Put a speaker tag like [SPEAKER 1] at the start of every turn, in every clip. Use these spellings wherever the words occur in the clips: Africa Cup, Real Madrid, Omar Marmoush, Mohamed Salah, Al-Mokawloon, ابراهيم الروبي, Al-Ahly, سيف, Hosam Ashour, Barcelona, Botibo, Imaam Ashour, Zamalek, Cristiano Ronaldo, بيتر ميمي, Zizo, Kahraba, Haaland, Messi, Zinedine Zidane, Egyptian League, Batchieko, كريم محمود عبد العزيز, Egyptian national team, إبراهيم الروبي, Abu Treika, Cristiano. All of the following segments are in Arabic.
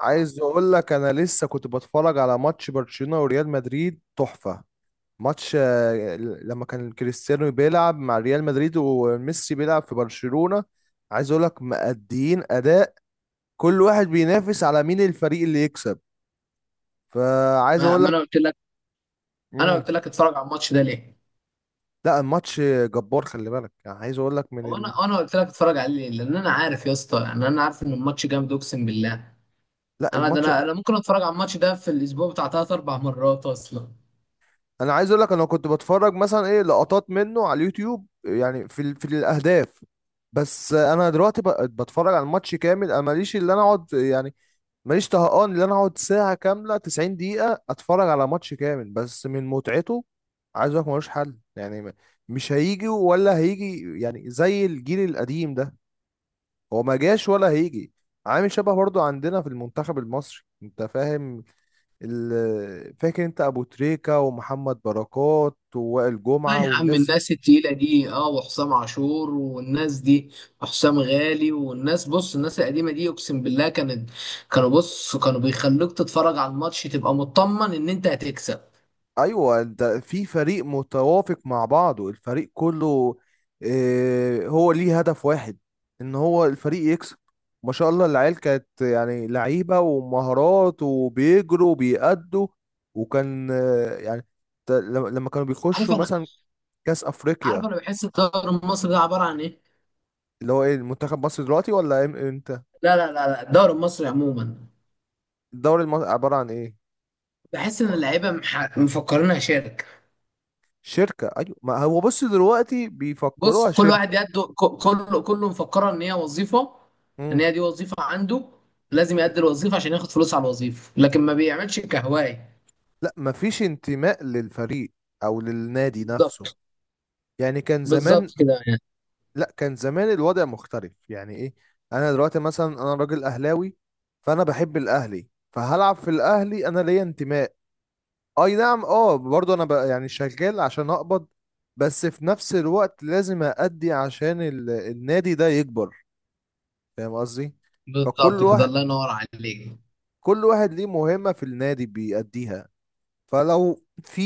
[SPEAKER 1] عايز اقول لك انا لسه كنت بتفرج على ماتش برشلونة وريال مدريد تحفة. ماتش آه، لما كان كريستيانو بيلعب مع ريال مدريد وميسي بيلعب في برشلونة. عايز اقول لك مأديين اداء. كل واحد بينافس على مين الفريق اللي يكسب. فعايز
[SPEAKER 2] ما
[SPEAKER 1] اقول
[SPEAKER 2] ما
[SPEAKER 1] لك.
[SPEAKER 2] انا قلت لك، انا
[SPEAKER 1] مم.
[SPEAKER 2] قلت لك اتفرج على الماتش ده ليه؟
[SPEAKER 1] لا الماتش جبار، خلي بالك يعني. عايز اقول لك من
[SPEAKER 2] هو انا قلت لك اتفرج عليه ليه؟ لان انا عارف يا اسطى، يعني انا عارف ان الماتش جامد اقسم بالله.
[SPEAKER 1] لا
[SPEAKER 2] انا ده
[SPEAKER 1] الماتش.
[SPEAKER 2] انا انا ممكن اتفرج على الماتش ده في الاسبوع بتاع ثلاث اربع مرات اصلا.
[SPEAKER 1] انا عايز اقول لك انا كنت بتفرج مثلا ايه لقطات منه على اليوتيوب، يعني في الاهداف. بس انا دلوقتي بتفرج على الماتش كامل، انا ماليش اللي انا اقعد يعني. ماليش طهقان اللي انا اقعد ساعة كاملة، 90 دقيقة اتفرج على ماتش كامل بس من متعته. عايز اقول لك ملوش حل، يعني مش هيجي ولا هيجي يعني زي الجيل القديم ده. هو ما جاش ولا هيجي. عامل شبه برضو عندنا في المنتخب المصري، انت فاهم؟ فاكر انت ابو تريكة ومحمد بركات ووائل
[SPEAKER 2] لا
[SPEAKER 1] جمعة
[SPEAKER 2] يا عم،
[SPEAKER 1] والناس دي؟
[SPEAKER 2] الناس التقيله دي، وحسام عاشور والناس دي، وحسام غالي والناس، بص الناس القديمه دي اقسم بالله كانت كانوا بص كانوا بيخلوك تتفرج على الماتش تبقى مطمن ان انت هتكسب.
[SPEAKER 1] ايوه، انت في فريق متوافق مع بعضه، الفريق كله. اه، هو ليه هدف واحد، ان هو الفريق يكسب. ما شاء الله العيال كانت يعني لعيبة ومهارات وبيجروا وبيأدوا. وكان اه يعني لما كانوا
[SPEAKER 2] عارف
[SPEAKER 1] بيخشوا
[SPEAKER 2] انا
[SPEAKER 1] مثلا كأس
[SPEAKER 2] عارف
[SPEAKER 1] أفريقيا.
[SPEAKER 2] انا بحس الدوري المصري ده عباره عن ايه.
[SPEAKER 1] اللي هو ايه، المنتخب مصر دلوقتي ولا امتى؟
[SPEAKER 2] لا لا لا لا، الدوري المصري عموما
[SPEAKER 1] الدوري المصري عبارة عن ايه؟
[SPEAKER 2] بحس ان اللعيبه مفكرينها شركه.
[SPEAKER 1] شركة، أيوة، ما هو بص دلوقتي بيفكروها
[SPEAKER 2] بص كل
[SPEAKER 1] شركة.
[SPEAKER 2] واحد كله مفكره ان هي وظيفه، ان
[SPEAKER 1] امم
[SPEAKER 2] هي دي وظيفه عنده، لازم يأدي الوظيفه عشان ياخد فلوس على الوظيفه، لكن ما بيعملش كهوايه.
[SPEAKER 1] لا، مفيش انتماء للفريق أو للنادي نفسه.
[SPEAKER 2] بالظبط.
[SPEAKER 1] يعني كان
[SPEAKER 2] بالظبط
[SPEAKER 1] زمان.
[SPEAKER 2] كده يعني.
[SPEAKER 1] لا، كان زمان الوضع مختلف، يعني إيه، أنا دلوقتي مثلا أنا راجل أهلاوي، فأنا بحب الأهلي فهلعب في الأهلي، أنا ليا انتماء. أي نعم، أه، برضه أنا بقى يعني شغال عشان أقبض، بس في نفس الوقت لازم أأدي عشان النادي ده يكبر. فاهم قصدي؟
[SPEAKER 2] بالظبط
[SPEAKER 1] فكل
[SPEAKER 2] كده،
[SPEAKER 1] واحد،
[SPEAKER 2] الله ينور عليك.
[SPEAKER 1] كل واحد ليه مهمة في النادي بيأديها. فلو في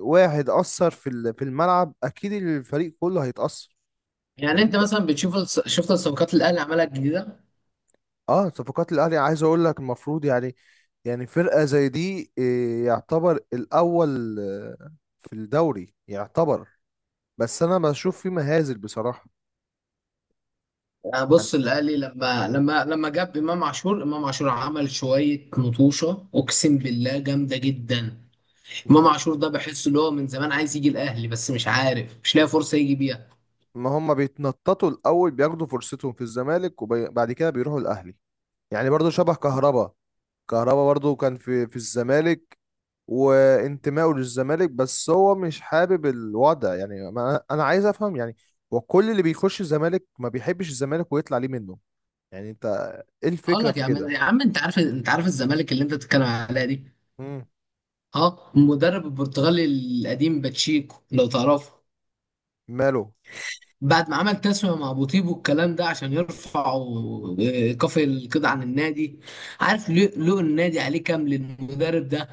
[SPEAKER 1] واحد أثر في الملعب، أكيد الفريق كله هيتأثر. إن
[SPEAKER 2] يعني انت
[SPEAKER 1] أنت
[SPEAKER 2] مثلا بتشوف شفت الصفقات اللي الاهلي عملها الجديده.
[SPEAKER 1] أه، صفقات الأهلي عايز أقول لك المفروض يعني، يعني فرقة زي دي إيه، يعتبر الأول آه، في الدوري يعتبر. بس أنا بشوف في مهازل بصراحة.
[SPEAKER 2] يعني
[SPEAKER 1] يعني
[SPEAKER 2] بص الاهلي لما جاب امام عاشور، امام عاشور عمل شويه نطوشه اقسم بالله جامده جدا. امام
[SPEAKER 1] آه،
[SPEAKER 2] عاشور ده بحس اللي هو من زمان عايز يجي الاهلي، بس مش عارف، مش لاقي فرصه يجي بيها.
[SPEAKER 1] ما هم بيتنططوا الأول بياخدوا فرصتهم في الزمالك وبعد كده بيروحوا الأهلي. يعني برضو شبه كهربا. كهربا برضو كان في الزمالك وانتمائه للزمالك، بس هو مش حابب الوضع، يعني ما انا عايز افهم يعني. وكل اللي بيخش الزمالك ما بيحبش الزمالك ويطلع ليه منه. يعني انت ايه
[SPEAKER 2] اقول
[SPEAKER 1] الفكرة
[SPEAKER 2] لك
[SPEAKER 1] في
[SPEAKER 2] يا عم،
[SPEAKER 1] كده؟
[SPEAKER 2] يا عم انت عارف الزمالك اللي انت بتتكلم عليها دي.
[SPEAKER 1] مم.
[SPEAKER 2] ها المدرب البرتغالي القديم باتشيكو، لو تعرفه،
[SPEAKER 1] ماله؟
[SPEAKER 2] بعد ما عمل تسوية مع بوتيبو الكلام ده عشان يرفعوا كفر القيد عن النادي، عارف لو النادي عليه كام للمدرب ده؟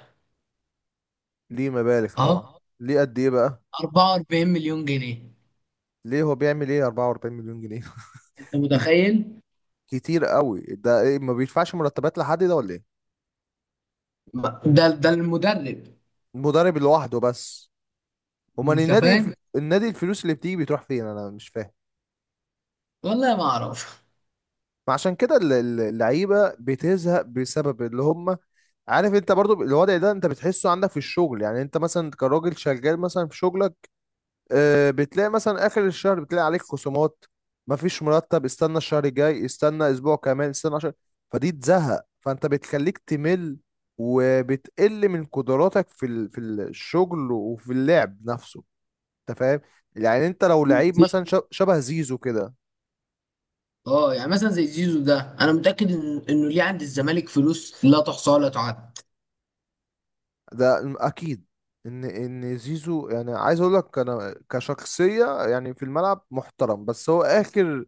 [SPEAKER 1] ليه مبالغ
[SPEAKER 2] اه،
[SPEAKER 1] طبعا. ليه قد ايه بقى؟
[SPEAKER 2] 44 مليون جنيه.
[SPEAKER 1] ليه هو بيعمل ايه 44 مليون جنيه؟
[SPEAKER 2] انت
[SPEAKER 1] ب-
[SPEAKER 2] متخيل؟
[SPEAKER 1] كتير قوي ده، إيه، ما بيدفعش مرتبات لحد ده ولا ايه؟
[SPEAKER 2] ده المدرب.
[SPEAKER 1] المدرب لوحده بس؟ امال
[SPEAKER 2] انت
[SPEAKER 1] النادي
[SPEAKER 2] فاهم،
[SPEAKER 1] النادي، الفلوس اللي بتيجي بتروح فين؟ انا مش فاهم.
[SPEAKER 2] والله ما اعرف.
[SPEAKER 1] ما عشان كده اللعيبه بتزهق بسبب اللي هم. عارف انت برضو الوضع ده، انت بتحسه عندك في الشغل، يعني انت مثلا كراجل شغال مثلا في شغلك. آه، بتلاقي مثلا اخر الشهر بتلاقي عليك خصومات، مفيش مرتب، استنى الشهر الجاي، استنى اسبوع كمان، استنى عشر. فدي تزهق، فانت بتخليك تمل وبتقل من قدراتك في الشغل وفي اللعب نفسه. انت فاهم؟ يعني انت لو لعيب مثلا شبه زيزو كده.
[SPEAKER 2] اه، يعني مثلا زي زيزو ده، انا متاكد انه ليه عند الزمالك فلوس لا تحصى ولا تعد.
[SPEAKER 1] اكيد ان ان زيزو، يعني عايز اقول لك انا كشخصيه يعني في الملعب محترم، بس هو اخر،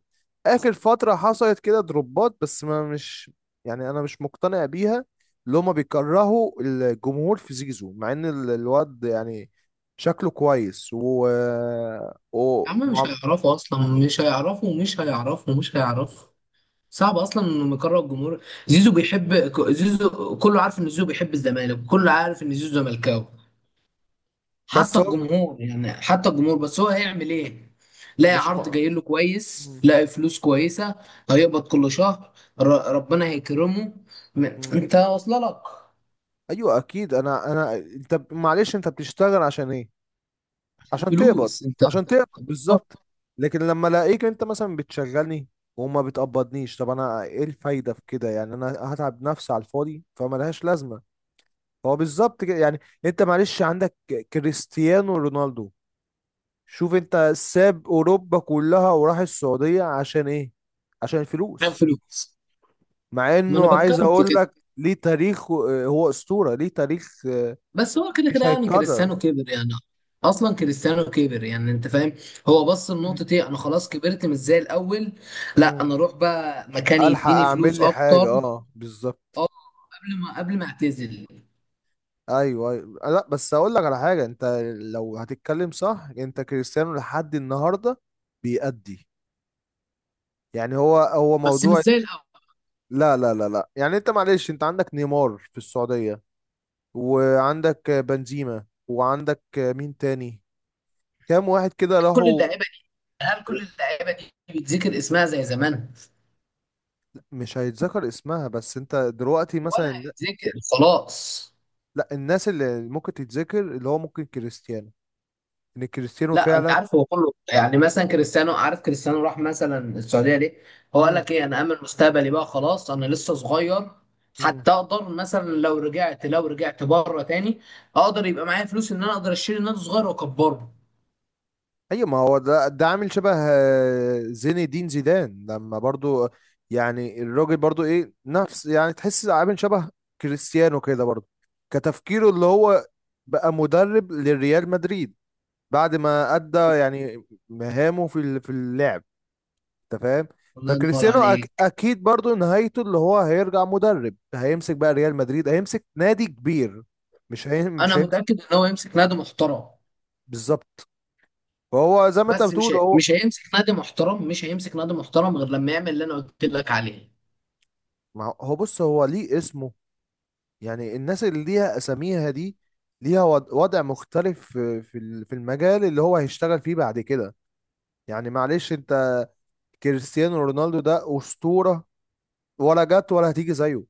[SPEAKER 1] اخر فتره حصلت كده دروبات بس ما مش، يعني انا مش مقتنع بيها. اللي هما بيكرهوا الجمهور في زيزو، مع ان الواد يعني شكله كويس و...
[SPEAKER 2] يا عم مش
[SPEAKER 1] مع-
[SPEAKER 2] هيعرفوا اصلا، مش هيعرفوا، مش هيعرفوا، مش هيعرفوا. صعب اصلا انه يقرر الجمهور. زيزو بيحب زيزو، كله عارف ان زيزو بيحب الزمالك، كله عارف ان زيزو زملكاوي
[SPEAKER 1] بس
[SPEAKER 2] حتى
[SPEAKER 1] هو
[SPEAKER 2] الجمهور، يعني حتى الجمهور. بس هو هيعمل ايه؟ لاقي
[SPEAKER 1] مش
[SPEAKER 2] عرض
[SPEAKER 1] م...
[SPEAKER 2] جاي له كويس،
[SPEAKER 1] مم.
[SPEAKER 2] لاقي فلوس كويسه، هيقبض كل شهر، ربنا هيكرمه. م-
[SPEAKER 1] مم.
[SPEAKER 2] انت واصله لك.
[SPEAKER 1] ايوه اكيد. انا انت معلش انت بتشتغل عشان ايه؟
[SPEAKER 2] عشان
[SPEAKER 1] عشان تقبض.
[SPEAKER 2] فلوس انت.
[SPEAKER 1] عشان تقبض بالظبط. لكن لما الاقيك انت مثلا بتشغلني وما بتقبضنيش، طب انا ايه الفايده في كده؟ يعني انا هتعب نفسي على الفاضي فما لهاش لازمه. هو بالظبط كده يعني. انت معلش عندك كريستيانو رونالدو. شوف انت، ساب اوروبا كلها وراح السعوديه عشان ايه؟ عشان
[SPEAKER 2] كان
[SPEAKER 1] الفلوس.
[SPEAKER 2] فلوس.
[SPEAKER 1] مع
[SPEAKER 2] ما انا
[SPEAKER 1] انه عايز
[SPEAKER 2] بتكلم في
[SPEAKER 1] اقول
[SPEAKER 2] كده،
[SPEAKER 1] لك ليه تاريخ، هو اسطوره ليه تاريخ آه،
[SPEAKER 2] بس هو كده كده
[SPEAKER 1] مش
[SPEAKER 2] يعني
[SPEAKER 1] هيتكرر.
[SPEAKER 2] كريستيانو كبر يعني، اصلا كريستيانو كبر يعني انت فاهم. هو بص لنقطة ايه، انا خلاص كبرت مش زي الاول، لا
[SPEAKER 1] مم.
[SPEAKER 2] انا اروح بقى مكان
[SPEAKER 1] الحق
[SPEAKER 2] يديني
[SPEAKER 1] اعمل
[SPEAKER 2] فلوس
[SPEAKER 1] لي حاجه،
[SPEAKER 2] اكتر.
[SPEAKER 1] اه بالظبط.
[SPEAKER 2] اه، قبل ما اعتزل.
[SPEAKER 1] ايوه ايوه، لا بس اقول لك على حاجه، انت لو هتتكلم صح، انت كريستيانو لحد النهارده بيأدي. يعني هو هو
[SPEAKER 2] بس مش
[SPEAKER 1] موضوع.
[SPEAKER 2] زي الاول.
[SPEAKER 1] لا لا لا لا، يعني انت معلش، انت عندك نيمار في السعوديه، وعندك بنزيما، وعندك مين تاني، كام واحد كده
[SPEAKER 2] كل
[SPEAKER 1] راحوا.
[SPEAKER 2] اللعيبة دي، هل كل اللعيبة دي بيتذكر اسمها زي زمان،
[SPEAKER 1] مش هيتذكر اسمها، بس انت دلوقتي
[SPEAKER 2] ولا
[SPEAKER 1] مثلا،
[SPEAKER 2] هيتذكر؟ خلاص.
[SPEAKER 1] لا، الناس اللي ممكن تتذكر اللي هو ممكن كريستيانو، ان كريستيانو
[SPEAKER 2] لا انت
[SPEAKER 1] فعلا.
[SPEAKER 2] عارف هو كله، يعني مثلا كريستيانو، عارف كريستيانو راح مثلا السعوديه ليه؟ هو قال
[SPEAKER 1] مم.
[SPEAKER 2] لك ايه، انا امن مستقبلي بقى خلاص، انا لسه صغير،
[SPEAKER 1] مم.
[SPEAKER 2] حتى اقدر مثلا لو رجعت، لو رجعت بره تاني اقدر يبقى معايا فلوس ان انا اقدر اشيل نادي صغير واكبره.
[SPEAKER 1] ايوه ما هو ده ده عامل شبه آه، زين الدين زيدان لما برضو، يعني الراجل برضو ايه نفس يعني، تحس عامل شبه كريستيانو كده برضو. كتفكيره اللي هو بقى مدرب للريال مدريد بعد ما ادى يعني مهامه في اللعب. انت فاهم؟
[SPEAKER 2] الله ينور
[SPEAKER 1] فكريستيانو أك
[SPEAKER 2] عليك.
[SPEAKER 1] اكيد برضو نهايته اللي هو هيرجع مدرب، هيمسك بقى ريال مدريد، هيمسك نادي كبير.
[SPEAKER 2] انا
[SPEAKER 1] مش هيمسك.
[SPEAKER 2] متاكد ان هو يمسك نادي محترم،
[SPEAKER 1] بالظبط. فهو زي ما انت
[SPEAKER 2] بس
[SPEAKER 1] بتقول. هو
[SPEAKER 2] مش هيمسك نادي محترم، مش هيمسك نادي محترم غير لما يعمل اللي انا قلت لك عليه.
[SPEAKER 1] ما هو هو بص، هو ليه اسمه. يعني الناس اللي ليها اساميها دي ليها وضع مختلف في في المجال اللي هو هيشتغل فيه بعد كده. يعني معلش انت، كريستيانو رونالدو ده اسطورة، ولا جت ولا هتيجي زيه.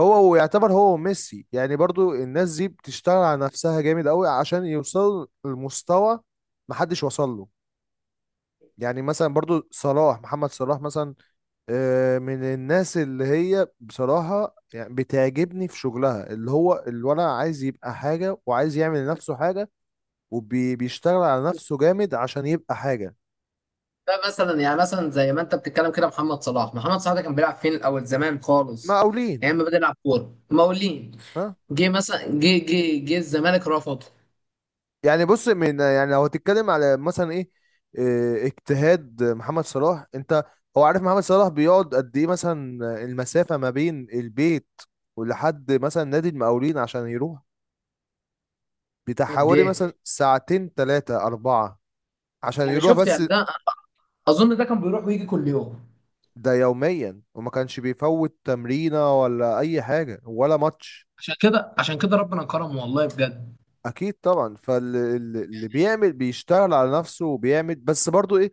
[SPEAKER 1] هو ويعتبر هو ميسي، يعني برضو الناس دي بتشتغل على نفسها جامد قوي عشان يوصلوا لمستوى محدش وصل له. يعني مثلا برضو صلاح، محمد صلاح مثلا آه، من الناس اللي هي بصراحة يعني بتعجبني في شغلها، اللي هو الولد عايز يبقى حاجة وعايز يعمل لنفسه حاجة، وبيشتغل على نفسه جامد عشان يبقى حاجة.
[SPEAKER 2] ده مثلا، يعني مثلا زي ما انت بتتكلم كده، محمد صلاح، محمد صلاح ده كان بيلعب فين الاول زمان خالص؟
[SPEAKER 1] مقاولين.
[SPEAKER 2] ايام ما بدأ يلعب كوره مقاولين.
[SPEAKER 1] ها؟
[SPEAKER 2] جه مثلا، جه الزمالك رفضه.
[SPEAKER 1] يعني بص، من يعني لو هتتكلم على مثلا ايه آه، اجتهاد محمد صلاح، انت هو عارف محمد صلاح بيقعد قد ايه مثلا؟ المسافة ما بين البيت ولحد مثلا نادي المقاولين عشان يروح بتاع
[SPEAKER 2] قد
[SPEAKER 1] حوالي
[SPEAKER 2] ايه؟
[SPEAKER 1] مثلا ساعتين تلاتة أربعة، عشان
[SPEAKER 2] يعني
[SPEAKER 1] يروح
[SPEAKER 2] شفت
[SPEAKER 1] بس.
[SPEAKER 2] يعني، ده اظن ده كان بيروح ويجي كل يوم.
[SPEAKER 1] ده يوميا، وما كانش بيفوت تمرينة ولا أي حاجة ولا ماتش.
[SPEAKER 2] عشان كده، عشان كده ربنا كرمه والله بجد.
[SPEAKER 1] أكيد طبعا. فاللي بيعمل بيشتغل على نفسه وبيعمل، بس برضو إيه،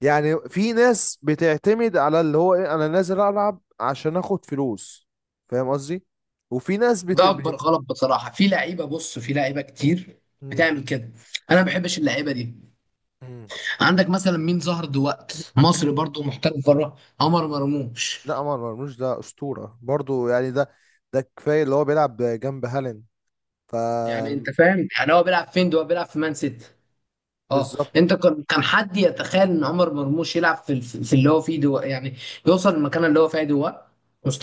[SPEAKER 1] يعني في ناس بتعتمد على اللي هو إيه، أنا نازل ألعب عشان آخد فلوس. فاهم قصدي؟ وفي ناس
[SPEAKER 2] ده اكبر غلط بصراحه، في لعيبه، بص في لعيبه كتير
[SPEAKER 1] مم.
[SPEAKER 2] بتعمل كده، انا ما بحبش اللعيبه دي.
[SPEAKER 1] مم.
[SPEAKER 2] عندك مثلا مين ظهر دلوقتي مصري برضه محترف بره؟ عمر مرموش.
[SPEAKER 1] لا، عمر مرموش ده أسطورة برضو يعني. ده ده كفاية اللي هو بيلعب جنب هالاند. ف
[SPEAKER 2] يعني انت فاهم يعني هو بيلعب فين ده، هو بيلعب في مان سيتي. اه،
[SPEAKER 1] بالظبط.
[SPEAKER 2] انت كان حد يتخيل ان عمر مرموش يلعب في اللي هو فيه دو يعني، يوصل للمكان اللي هو فيه دو؟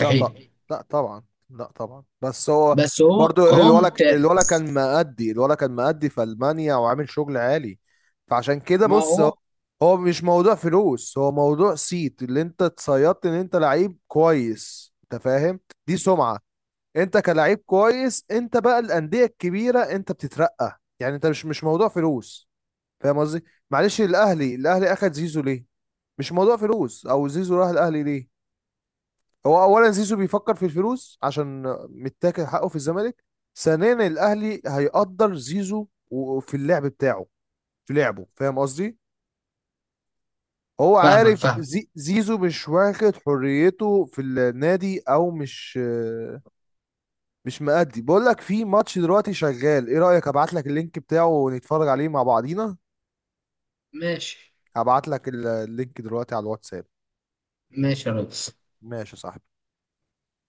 [SPEAKER 1] لا طبعا مستحيل. لا طبعا. لا طبعا بس هو
[SPEAKER 2] بس هو
[SPEAKER 1] برضو
[SPEAKER 2] هو
[SPEAKER 1] الولا
[SPEAKER 2] ممتاز.
[SPEAKER 1] كان مأدي، كان مأدي في ألمانيا وعامل شغل عالي. فعشان كده
[SPEAKER 2] ما
[SPEAKER 1] بص هو،
[SPEAKER 2] هو.
[SPEAKER 1] هو مش موضوع فلوس، هو موضوع صيت، اللي انت اتصيدت ان انت لعيب كويس. انت فاهم؟ دي سمعة. انت كلاعب كويس انت، بقى الأندية الكبيرة انت بتترقى، يعني انت مش موضوع فلوس. فاهم قصدي؟ معلش الأهلي، الأهلي أخد زيزو ليه؟ مش موضوع فلوس. او زيزو راح الأهلي ليه؟ هو اولا زيزو بيفكر في الفلوس عشان متاكل حقه في الزمالك. ثانيا الاهلي هيقدر زيزو في اللعب بتاعه، في لعبه. فاهم قصدي؟ هو
[SPEAKER 2] فاهمك
[SPEAKER 1] عارف
[SPEAKER 2] فاهمك.
[SPEAKER 1] زي زيزو مش واخد حريته في النادي، او مش، مش مأدي. بقول لك في ماتش دلوقتي شغال، ايه رأيك ابعت لك اللينك بتاعه ونتفرج عليه مع بعضينا؟
[SPEAKER 2] ماشي.
[SPEAKER 1] هبعت لك اللينك دلوقتي على الواتساب.
[SPEAKER 2] ماشي يا ريس.
[SPEAKER 1] ماشي يا صاحبي.